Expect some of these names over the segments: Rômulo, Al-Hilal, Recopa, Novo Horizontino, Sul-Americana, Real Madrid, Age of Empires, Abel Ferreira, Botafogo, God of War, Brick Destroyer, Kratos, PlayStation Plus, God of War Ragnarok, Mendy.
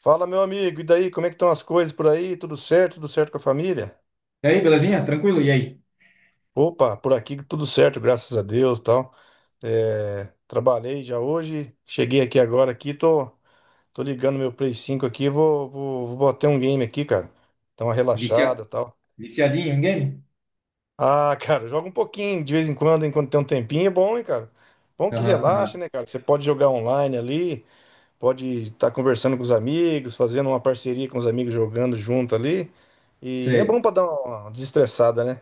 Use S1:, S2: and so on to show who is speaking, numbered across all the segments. S1: Fala, meu amigo, e daí? Como é que estão as coisas por aí? Tudo certo? Tudo certo com a família?
S2: E aí, belezinha? Tranquilo? E aí?
S1: Opa, por aqui tudo certo, graças a Deus, tal. É, trabalhei já hoje, cheguei aqui agora aqui, tô ligando meu Play 5 aqui, vou bater um game aqui, cara. Dá uma
S2: Vicia...
S1: relaxada, tal.
S2: Viciadinho em game?
S1: Ah, cara, joga um pouquinho, de vez em quando, enquanto tem um tempinho, é bom, hein, cara? Bom que
S2: Aham,
S1: relaxa,
S2: aham.
S1: né, cara? Você pode jogar online ali, pode estar conversando com os amigos, fazendo uma parceria com os amigos jogando junto ali. E é bom
S2: Sei.
S1: para dar uma desestressada, né?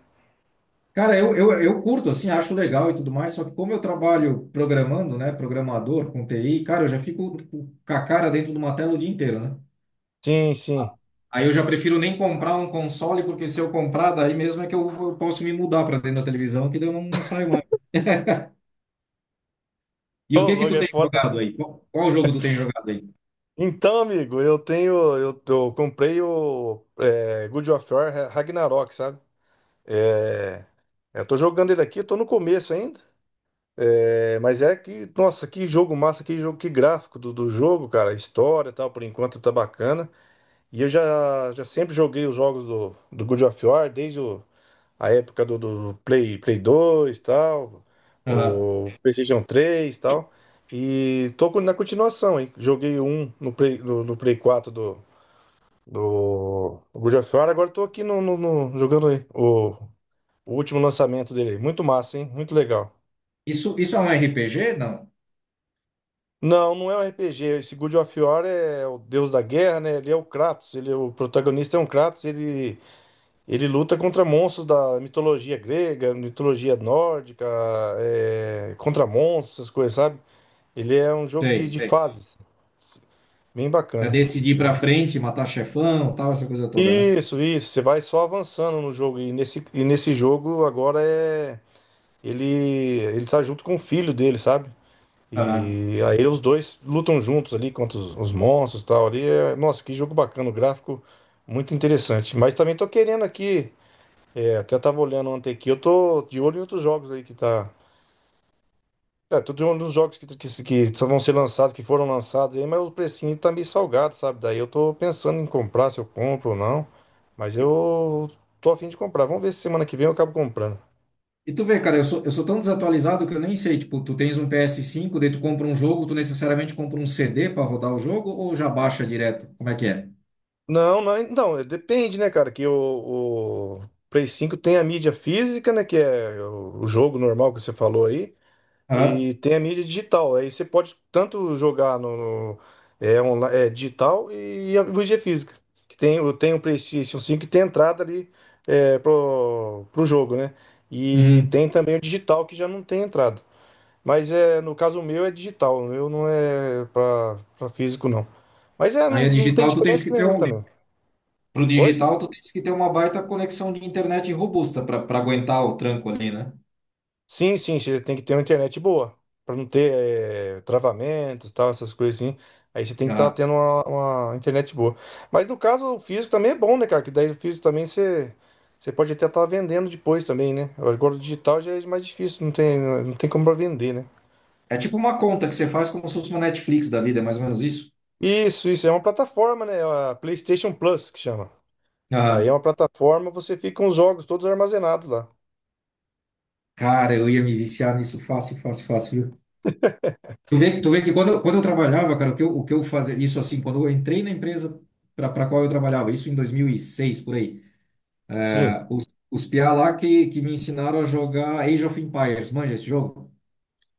S2: Cara, eu curto, assim, acho legal e tudo mais, só que como eu trabalho programando, né, programador com TI, cara, eu já fico com a cara dentro de uma tela o dia inteiro, né?
S1: Sim, sim.
S2: Aí eu já prefiro nem comprar um console, porque se eu comprar, daí mesmo é que eu posso me mudar para dentro da televisão, que daí eu não saio mais. E
S1: Ô,
S2: o que que
S1: logo
S2: tu
S1: é
S2: tem
S1: foda,
S2: jogado
S1: né?
S2: aí? Qual jogo tu tem jogado aí?
S1: Então, amigo, eu tenho. Eu comprei o God of War Ragnarok, sabe? É, eu tô jogando ele aqui, eu tô no começo ainda. Mas é que, nossa, que jogo massa, que jogo, que gráfico do jogo, cara. A história e tal, por enquanto tá bacana. E eu já sempre joguei os jogos do God of War, desde o. A época do Play 2 tal,
S2: Aham.
S1: o PlayStation 3 tal. E tô na continuação, hein? Joguei um no Play 4 do God of War, agora tô aqui jogando aí o último lançamento dele, aí. Muito massa, hein? Muito legal.
S2: Isso é um RPG? Não.
S1: Não, não é um RPG. Esse God of War é o deus da guerra, né? Ele é o Kratos, ele é o protagonista é um Kratos. Ele luta contra monstros da mitologia grega, mitologia nórdica, contra monstros, essas coisas, sabe? Ele é um jogo
S2: Sei,
S1: de
S2: sei.
S1: fases. Bem
S2: É
S1: bacana.
S2: decidir ir pra frente, matar chefão, tal, essa coisa toda, né?
S1: Isso, isso. Você vai só avançando no jogo. E nesse jogo agora é. Ele tá junto com o filho dele, sabe?
S2: Aham.
S1: E aí os dois lutam juntos ali contra os monstros e tal. Ali é, nossa, que jogo bacana. O gráfico muito interessante. Mas também tô querendo aqui. É, até tava olhando ontem aqui. Eu tô de olho em outros jogos aí que tá. Tô de olho nos jogos que só vão ser lançados, que foram lançados aí, mas o precinho tá meio salgado, sabe? Daí eu tô pensando em comprar, se eu compro ou não. Mas
S2: E
S1: eu tô a fim de comprar. Vamos ver se semana que vem eu acabo comprando.
S2: e tu vê, cara, eu sou tão desatualizado que eu nem sei. Tipo, tu tens um PS5, daí tu compra um jogo, tu necessariamente compra um CD pra rodar o jogo ou já baixa direto? Como é que é?
S1: Não, não, então, depende, né, cara? Que o Play 5 tem a mídia física, né? Que é o jogo normal que você falou aí.
S2: Aham.
S1: E tem a mídia digital. Aí você pode tanto jogar no- digital e a mídia física. Tem o PlayStation 5 que tem entrada ali pro jogo, né? E
S2: Uhum.
S1: tem também o digital que já não tem entrada. Mas no caso meu é digital, o meu não é para físico, não. Mas não,
S2: Aí a
S1: não tem
S2: digital, tu tens
S1: diferença
S2: que ter
S1: nenhuma
S2: um.
S1: também.
S2: Pro
S1: Oi?
S2: digital, tu tens que ter uma baita conexão de internet robusta pra aguentar o tranco ali, né?
S1: Sim, sim, você tem que ter uma internet boa, para não ter travamentos, tal, essas coisas assim. Aí você tem que estar
S2: Aham.
S1: tendo uma internet boa. Mas no caso, o físico também é bom, né, cara? Que daí o físico também você pode até estar vendendo depois também, né? Agora o digital já é mais difícil, não tem como pra vender, né?
S2: É tipo uma conta que você faz como se fosse uma Netflix da vida, é mais ou menos isso?
S1: Isso, é uma plataforma, né? A PlayStation Plus que chama. Aí é
S2: Aham.
S1: uma plataforma, você fica com os jogos todos armazenados lá.
S2: Cara, eu ia me viciar nisso fácil, fácil, fácil. Tu vê que quando, quando eu trabalhava, cara, o que eu fazia, isso assim, quando eu entrei na empresa para qual eu trabalhava, isso em 2006, por aí,
S1: Sim,
S2: os piá lá que me ensinaram a jogar Age of Empires, manja esse jogo?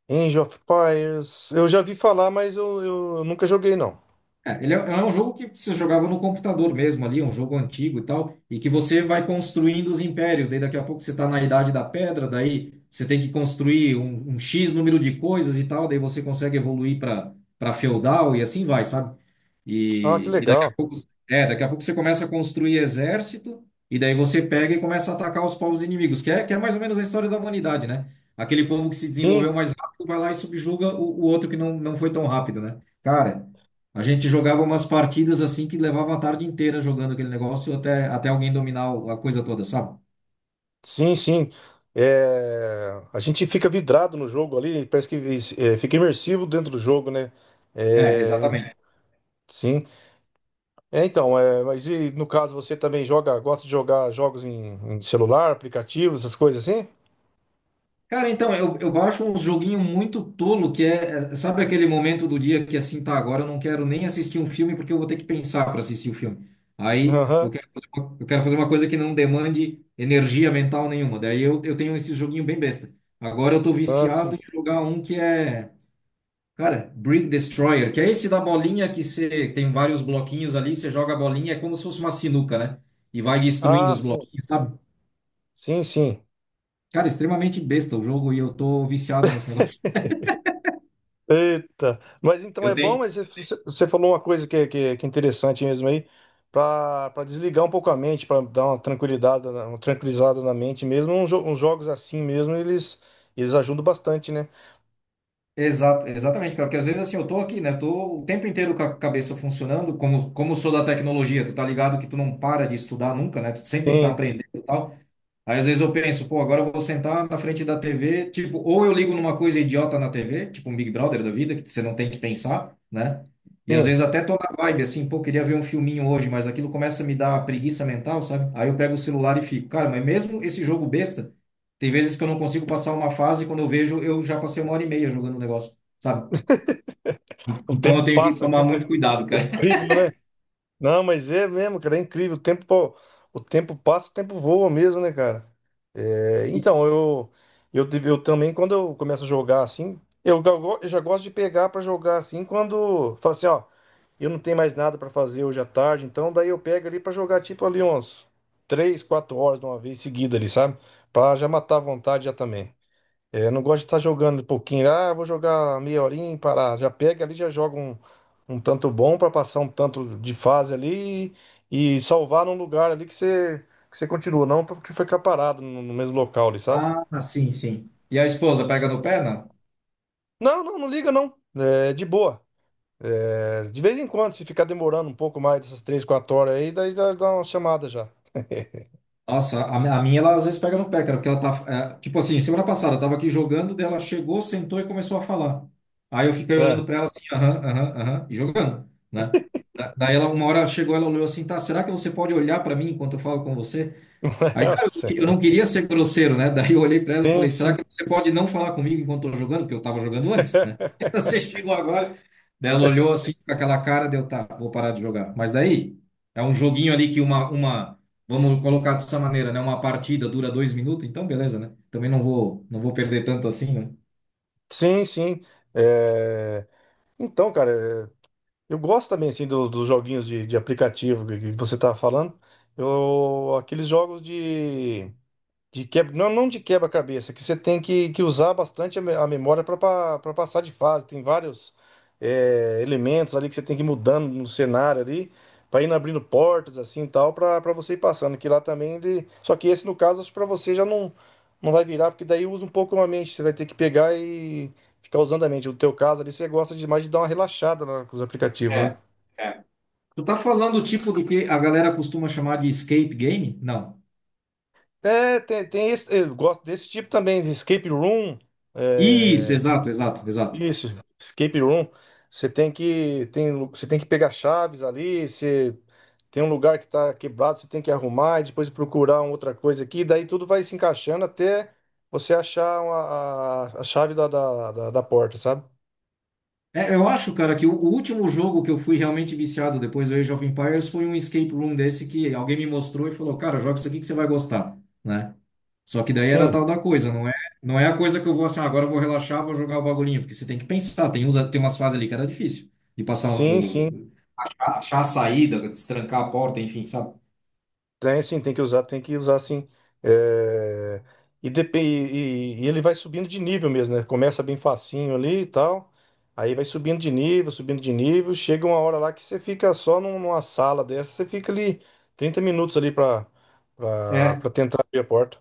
S1: Age of Empires, eu já vi falar, mas eu nunca joguei, não.
S2: É, ele é um jogo que você jogava no computador mesmo ali, um jogo antigo e tal, e que você vai construindo os impérios. Daí daqui a pouco você está na Idade da Pedra, daí você tem que construir um X número de coisas e tal, daí você consegue evoluir para feudal e assim vai, sabe?
S1: Ah, que
S2: E daqui a
S1: legal.
S2: pouco, daqui a pouco você começa a construir exército, e daí você pega e começa a atacar os povos inimigos, que é mais ou menos a história da humanidade, né? Aquele povo que se
S1: Sim,
S2: desenvolveu mais rápido vai lá e subjuga o outro que não foi tão rápido, né? Cara, a gente jogava umas partidas assim que levava a tarde inteira jogando aquele negócio até alguém dominar a coisa toda, sabe?
S1: sim, sim. É, a gente fica vidrado no jogo ali, parece que fica imersivo dentro do jogo, né?
S2: É,
S1: É,
S2: exatamente.
S1: sim. É, então, mas e no caso você também joga, gosta de jogar jogos em celular, aplicativos, essas coisas assim?
S2: Cara, então, eu baixo uns joguinho muito tolo que é, sabe aquele momento do dia que assim, tá, agora eu não quero nem assistir um filme porque eu vou ter que pensar para assistir o filme. Aí
S1: Aham,
S2: eu quero fazer uma coisa que não demande energia mental nenhuma. Daí eu tenho esse joguinho bem besta. Agora eu tô
S1: ah, sim.
S2: viciado em jogar um que é. Cara, Brick Destroyer, que é esse da bolinha que você tem vários bloquinhos ali, você joga a bolinha, é como se fosse uma sinuca, né? E vai destruindo
S1: Ah,
S2: os
S1: sim.
S2: bloquinhos, sabe?
S1: Sim, sim.
S2: Cara, extremamente besta o jogo e eu tô viciado nesse negócio.
S1: Eita, mas então
S2: Eu
S1: é bom,
S2: tenho.
S1: mas você falou uma coisa que é interessante mesmo aí, para desligar um pouco a mente, para dar uma tranquilidade, uma tranquilizada na mente mesmo, uns jogos assim mesmo, eles ajudam bastante, né?
S2: Exato, exatamente, cara, porque às vezes assim, eu tô aqui, né? Tô o tempo inteiro com a cabeça funcionando, como sou da tecnologia, tu tá ligado que tu não para de estudar nunca, né? Tu sempre tem que estar
S1: Sim,
S2: aprendendo e tal. Aí às vezes eu penso, pô, agora eu vou sentar na frente da TV, tipo, ou eu ligo numa coisa idiota na TV, tipo um Big Brother da vida, que você não tem que pensar, né? E às
S1: sim,
S2: vezes até tô na vibe, assim, pô, queria ver um filminho hoje, mas aquilo começa a me dar preguiça mental, sabe? Aí eu pego o celular e fico, cara, mas mesmo esse jogo besta, tem vezes que eu não consigo passar uma fase e quando eu vejo, eu já passei uma hora e meia jogando o negócio, sabe?
S1: o
S2: Então eu
S1: tempo
S2: tenho que
S1: passa
S2: tomar
S1: mesmo,
S2: muito
S1: né?
S2: cuidado,
S1: É
S2: cara.
S1: incrível, né? Não, mas é mesmo, cara, é incrível. O tempo passa, o tempo voa mesmo, né, cara? Então, eu também, quando eu começo a jogar assim, eu já gosto de pegar pra jogar assim, quando fala assim, ó, eu não tenho mais nada pra fazer hoje à tarde, então daí eu pego ali pra jogar tipo ali uns 3, 4 horas de uma vez seguida ali, sabe? Pra já matar a vontade já também. É, eu não gosto de estar jogando um pouquinho. Ah, vou jogar meia horinha, e parar. Já pega ali, já joga um tanto bom para passar um tanto de fase ali e salvar num lugar ali que você continua. Não porque ficar parado no mesmo local ali, sabe?
S2: Ah, sim, sim. E a esposa pega no pé, né?
S1: Não, não, não liga não. É de boa. É, de vez em quando, se ficar demorando um pouco mais dessas 3, 4 horas aí, daí dá uma chamada já.
S2: Nossa, a minha, ela às vezes pega no pé, cara, porque ela tá, tipo assim, semana passada, eu tava aqui jogando, daí ela chegou, sentou e começou a falar. Aí eu fiquei
S1: É,
S2: olhando pra ela assim, aham, aham, aham, e jogando, né? Daí ela, uma hora chegou, ela olhou assim, tá, será que você pode olhar pra mim enquanto eu falo com você? Aí,
S1: eu
S2: cara, eu
S1: sei.
S2: não queria ser grosseiro, né? Daí eu olhei pra ela e
S1: Sim,
S2: falei, será que
S1: sim.
S2: você pode não falar comigo enquanto eu tô jogando? Porque eu tava jogando antes, né? Você chegou agora. Daí ela olhou assim com aquela cara, deu, tá, vou parar de jogar. Mas daí, é um joguinho ali que vamos colocar dessa maneira, né? Uma partida dura 2 minutos, então beleza, né? Também não vou perder tanto assim, né?
S1: Sim, sim. É, Então, cara. Eu gosto também, assim, dos joguinhos de aplicativo que você tá falando. Eu, aqueles jogos de... De quebra, não, não de quebra-cabeça, que você tem que usar bastante a memória para passar de fase. Tem vários elementos ali que você tem que ir mudando no cenário ali, para ir abrindo portas assim e tal, para você ir passando. Que lá também ele. Só que esse, no caso, acho que para você já não vai virar, porque daí usa um pouco a mente. Você vai ter que pegar e ficar usando a mente. No teu caso ali, você gosta demais de dar uma relaxada lá com os aplicativos, né?
S2: É, é. Tu tá falando o tipo do que a galera costuma chamar de escape game? Não.
S1: É, tem esse, eu gosto desse tipo também, de escape room.
S2: Isso, exato, exato, exato.
S1: Isso, escape room. Você tem que pegar chaves ali, você tem um lugar que tá quebrado, você tem que arrumar e depois procurar uma outra coisa aqui, daí tudo vai se encaixando até você achar a chave da porta, sabe?
S2: É, eu acho, cara, que o último jogo que eu fui realmente viciado depois do Age of Empires foi um escape room desse que alguém me mostrou e falou, cara, joga isso aqui que você vai gostar, né? Só que daí era
S1: Sim,
S2: tal da coisa, não é a coisa que eu vou assim, ah, agora eu vou relaxar, vou jogar o bagulhinho, porque você tem que pensar, tem umas fases ali que era difícil de passar
S1: sim, sim.
S2: achar a saída, destrancar a porta, enfim, sabe?
S1: Tem sim, tem que usar sim. É, E, ele vai subindo de nível mesmo, né? Começa bem facinho ali e tal. Aí vai subindo de nível, subindo de nível. Chega uma hora lá que você fica só numa sala dessa, você fica ali 30 minutos ali pra, pra,
S2: É.
S1: pra tentar abrir a porta.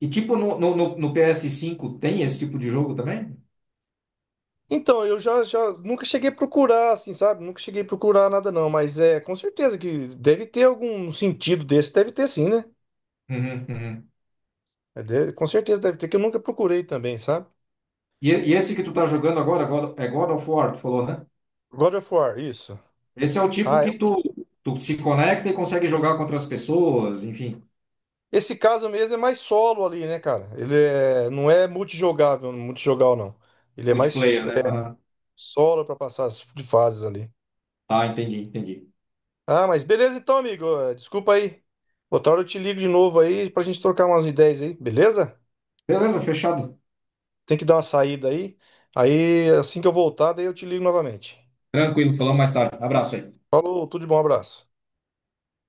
S2: E tipo no PS5 tem esse tipo de jogo também?
S1: Então, eu já nunca cheguei a procurar, assim, sabe? Nunca cheguei a procurar nada, não. Mas é com certeza que deve ter algum sentido desse, deve ter sim, né?
S2: Uhum, uhum.
S1: Com certeza deve ter, que eu nunca procurei também, sabe?
S2: E esse que tu tá jogando agora, é God of War, tu falou, né?
S1: God of War, isso.
S2: Esse é o tipo
S1: Ah,
S2: que tu se conecta e consegue jogar contra as pessoas, enfim,
S1: esse caso mesmo é mais solo ali, né, cara? Ele é, não é multijogável, multijogal não. Ele é mais
S2: multiplayer, né? Aham.
S1: solo pra passar as de fases ali.
S2: Tá, entendi, entendi.
S1: Ah, mas beleza então, amigo. Desculpa aí. Outra hora eu te ligo de novo aí pra gente trocar umas ideias aí, beleza?
S2: Beleza, fechado.
S1: Tem que dar uma saída aí. Aí assim que eu voltar, daí eu te ligo novamente.
S2: Tranquilo, falamos mais tarde. Abraço aí.
S1: Falou, tudo de bom, abraço.